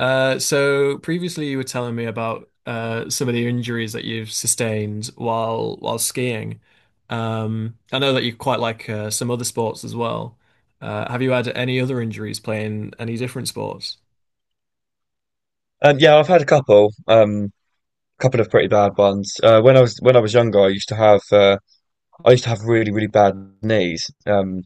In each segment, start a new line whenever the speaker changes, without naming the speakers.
So previously you were telling me about some of the injuries that you've sustained while skiing. I know that you quite like some other sports as well. Have you had any other injuries playing any different sports?
Yeah, I've had a couple, couple of pretty bad ones. When I was younger, I used to have I used to have really bad knees. Um,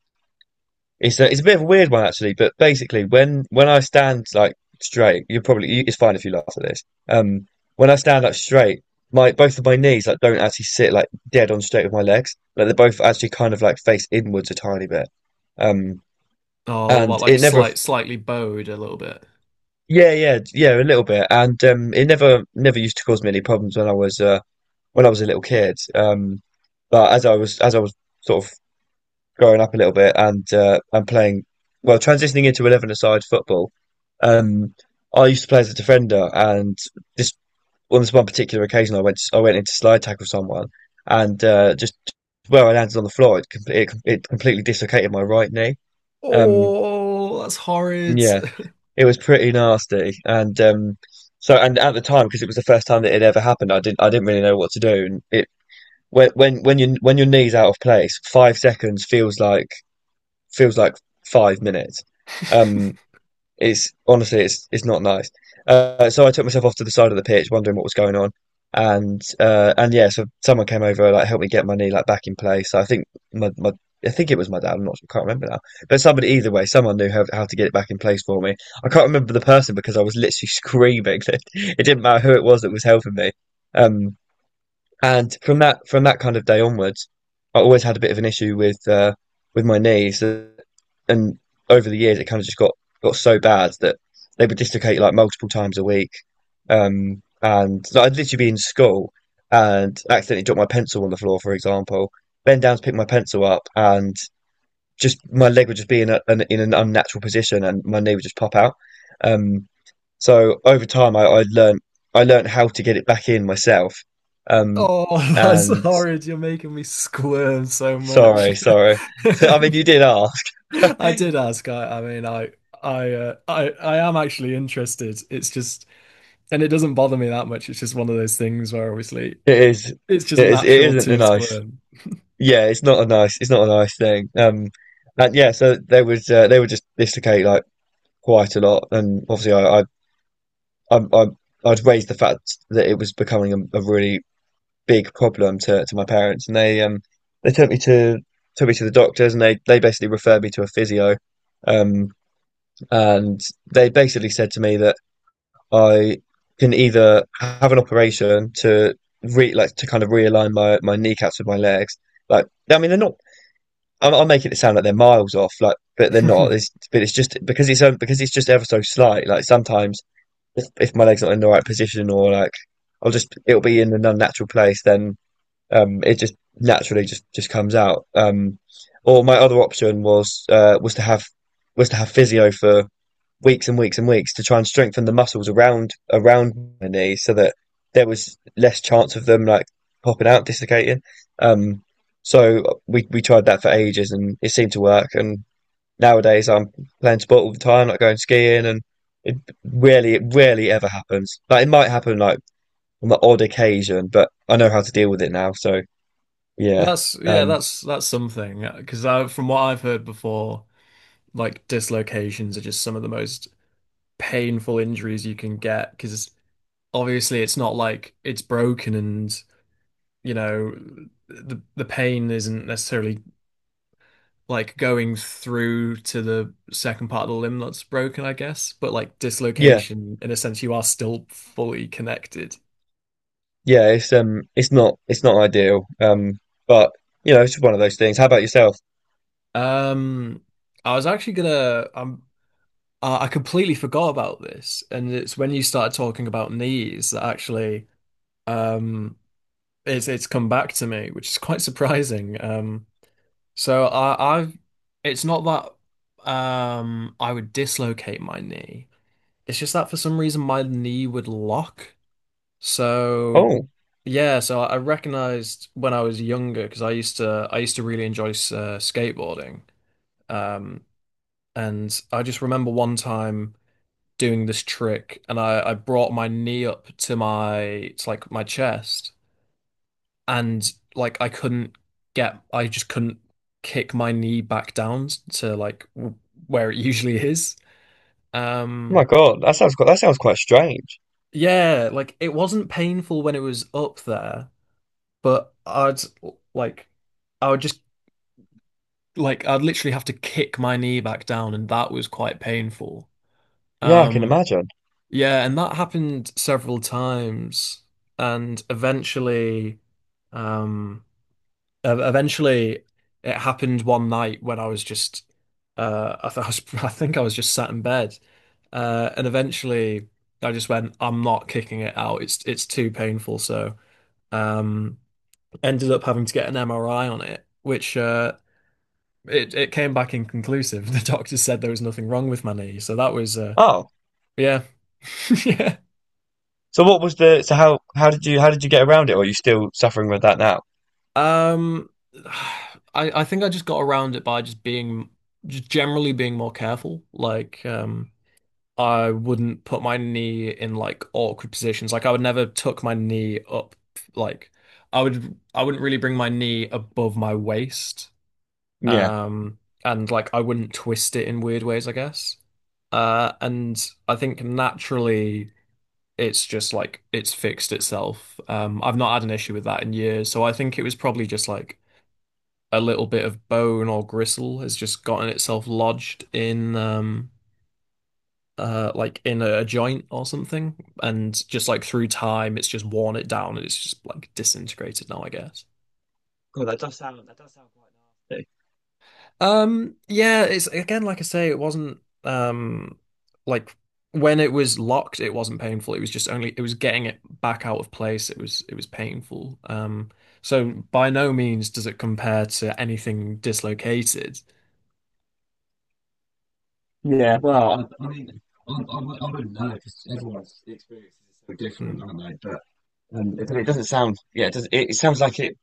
it's a, It's a bit of a weird one actually, but basically when I stand like straight, it's fine if you laugh at this. When I stand up straight, my both of my knees like don't actually sit like dead on straight with my legs. Like they're both actually kind of like face inwards a tiny bit. Um,
Oh, what,
and
like
it never,
slightly bowed a little bit.
Yeah, yeah, yeah, a little bit. And it never used to cause me any problems when I was a little kid. But as I was sort of growing up a little bit and playing, well, transitioning into 11-a-side football, um, I used to play as a defender. And this on this one particular occasion, I went into slide tackle someone, and just where I landed on the floor, it completely dislocated my right knee. Um,
Oh, that's horrid.
yeah, it was pretty nasty, and at the time because it was the first time that it ever happened, I didn't really know what to do, and it when your knee's out of place, 5 seconds feels like 5 minutes. Um, it's honestly it's not nice. So I took myself off to the side of the pitch, wondering what was going on, and yeah, so someone came over like helped me get my knee like back in place. So I think my, my I think it was my dad. I can't remember now, but somebody either way, someone knew how to get it back in place for me. I can't remember the person because I was literally screaming. It didn't matter who it was that was helping me. Um, and from that kind of day onwards, I always had a bit of an issue with my knees, and over the years it kind of just got so bad that they would dislocate like multiple times a week. And so I'd literally be in school and accidentally drop my pencil on the floor, for example, bend down to pick my pencil up, and just my leg would just be in in an unnatural position, and my knee would just pop out. Um, so over time, I learned how to get it back in myself. Um,
Oh, that's
and
horrid. You're making me squirm so much.
Sorry, sorry. So, I mean, you did ask.
I
It
did ask. I am actually interested. It's just, and it doesn't bother me that much. It's just one of those things where obviously
is,
it's just
it
natural
isn't a
to
nice.
squirm.
Yeah, it's not a nice. It's not a nice thing. And yeah, so they would just dislocate like quite a lot, and obviously I, I I'd raised the fact that it was becoming a really big problem to my parents, and they took me to the doctors, and they basically referred me to a physio. Um, And they basically said to me that I can either have an operation to re like to kind of realign my kneecaps with my legs. Like, I mean, they're not. I'm making it sound like they're miles off, like, but they're not. It's, but it's just because it's just ever so slight. Like sometimes, if my leg's not in the right position, or like I'll just it'll be in an unnatural place, then it just naturally just comes out. Or my other option was was to have physio for weeks and weeks and weeks to try and strengthen the muscles around my knee so that there was less chance of them like popping out, dislocating. Um, so we tried that for ages and it seemed to work. And nowadays I'm playing sport all the time, like going skiing, and it it rarely ever happens. Like it might happen like on the odd occasion, but I know how to deal with it now. So yeah,
That's yeah,
um,
that's something. Because from what I've heard before, like dislocations are just some of the most painful injuries you can get. Because obviously it's not like it's broken and you know the pain isn't necessarily like going through to the second part of the limb that's broken, I guess. But like
yeah,
dislocation, in a sense, you are still fully connected.
yeah. It's not it's not ideal. But you know, it's one of those things. How about yourself?
Um, I was actually gonna, I completely forgot about this, and it's when you started talking about knees that actually, um, it's come back to me, which is quite surprising. So I've, it's not that, I would dislocate my knee. It's just that for some reason my knee would lock. So
Oh,
yeah, so I recognized when I was younger because I used to really enjoy skateboarding. Um, and I just remember one time doing this trick, and I brought my knee up to my to like my chest, and like I couldn't get I just couldn't kick my knee back down to like w where it usually is.
oh my
Um,
God, that sounds that sounds quite strange.
yeah, like it wasn't painful when it was up there. But like I would just I'd literally have to kick my knee back down, and that was quite painful.
Yeah, I can
Um,
imagine.
yeah, and that happened several times, and eventually, um, eventually it happened one night when I was just I was I think I was just sat in bed, and eventually I just went, I'm not kicking it out. It's too painful, so. Um, Ended up having to get an MRI on it, which it came back inconclusive. The doctor said there was nothing wrong with my knee, so that was
Oh,
yeah, yeah.
so what was the, so how, how did you get around it? Or are you still suffering with that now?
Um, I think I just got around it by just generally being more careful. Like I wouldn't put my knee in like awkward positions. Like I would never tuck my knee up. Like I wouldn't really bring my knee above my waist.
Yeah.
Um, and like I wouldn't twist it in weird ways, I guess. And I think naturally it's just like it's fixed itself. I've not had an issue with that in years, so I think it was probably just like a little bit of bone or gristle has just gotten itself lodged in like in a joint or something, and just like through time it's just worn it down and it's just like disintegrated now, I guess.
God, that does sound quite nasty.
Yeah, it's again, like I say, it wasn't like when it was locked, it wasn't painful. It was just only it was getting it back out of place. It was painful. So by no means does it compare to anything dislocated.
Yeah, well, I mean,
Hmm.
It doesn't sound, yeah, it does, it sounds like it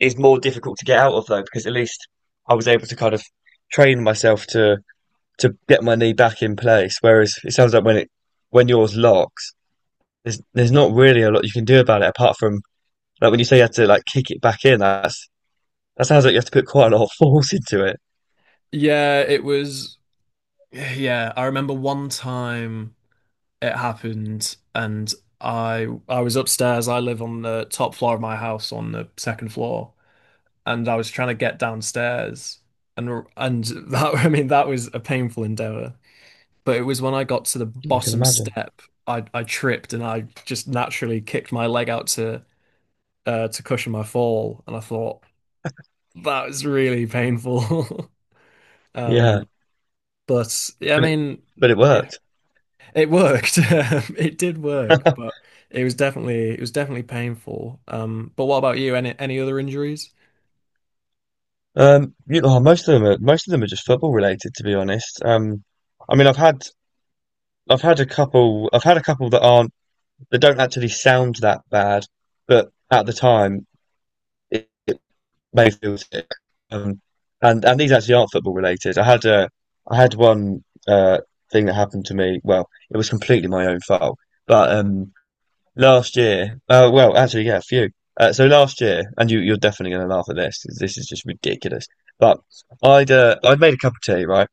is more difficult to get out of though, because at least I was able to kind of train myself to get my knee back in place. Whereas it sounds like when yours locks, there's not really a lot you can do about it apart from, like when you say you had to like kick it back in, that's, that sounds like you have to put quite a lot of force into it.
Yeah, it was. Yeah, I remember one time it happened, and I was upstairs. I live on the top floor of my house on the second floor. And I was trying to get downstairs, and that I mean that was a painful endeavor. But it was when I got to the
I can
bottom
imagine.
step, I tripped and I just naturally kicked my leg out to cushion my fall, and I thought that was really painful.
Yeah,
Um, but yeah, I
but it,
mean,
but it
yeah,
worked.
it worked. It did work, but it was definitely painful. But what about you? Any other injuries?
You know, most of them are most of them are just football related, to be honest. I mean, I've had a couple I've had a couple that aren't. They don't actually sound that bad, but at the time, it may feel sick. Um, and and these actually aren't football related. I had a I had one thing that happened to me. Well, it was completely my own fault, but last year, well, actually, yeah, a few. So last year, and you're definitely going to laugh at this. 'Cause this is just ridiculous. But I'd made a cup of tea, right,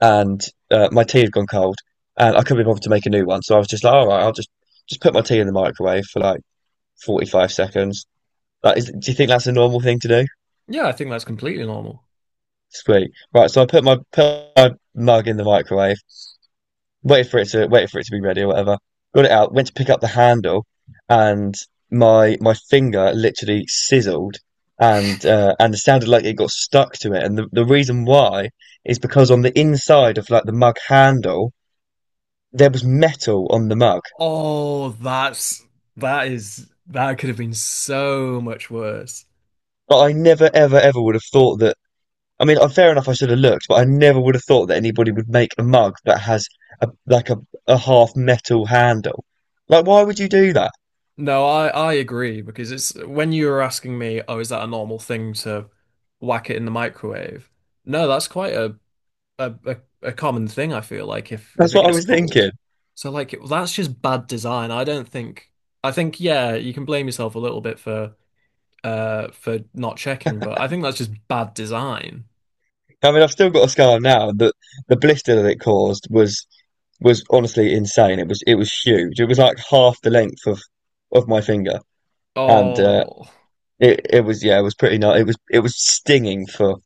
and my tea had gone cold, and I couldn't be bothered to make a new one. So I was just like, all right, I'll just put my tea in the microwave for like 45 seconds. Like, is, do you think that's a normal thing to do?
Yeah, I think that's completely normal.
Sweet. Right, so I put my mug in the microwave, waited for it to be ready or whatever. Got it out, went to pick up the handle, and my finger literally sizzled, and it sounded like it got stuck to it. And the reason why is because on the inside of like the mug handle, there was metal on the mug.
Oh, that is that could have been so much worse.
But I never ever ever would have thought that I mean, fair enough. I should have looked, but I never would have thought that anybody would make a mug that has a a half metal handle. Like, why would you do that?
No, I agree because it's when you were asking me, oh, is that a normal thing to whack it in the microwave? No, that's quite a a, a common thing, I feel like if
That's
it
what I
gets
was
cold.
thinking.
So like that's just bad design. I don't think I think yeah, you can blame yourself a little bit for not checking, but I think that's just bad design.
I mean, I've still got a scar now. The blister that it caused was honestly insane. It was huge. It was like half the length of my finger, and uh,
Oh.
it it was yeah, it was pretty nice. It was stinging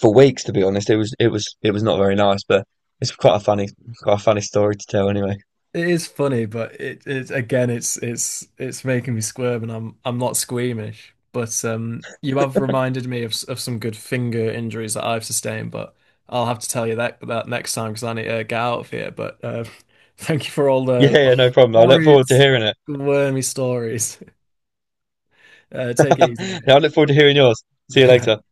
for weeks, to be honest. It was it was it was not very nice, but it's quite a funny story to tell anyway.
It is funny, but it is again, it's making me squirm, and I'm not squeamish. But you have reminded me of some good finger injuries that I've sustained. But I'll have to tell you that next time because I need to get out of here. But thank you for all
Yeah,
the
yeah, no problem. I look
horrid,
forward to hearing it.
wormy stories. Take it easy, mate.
Yeah, I look forward to hearing yours. See you later.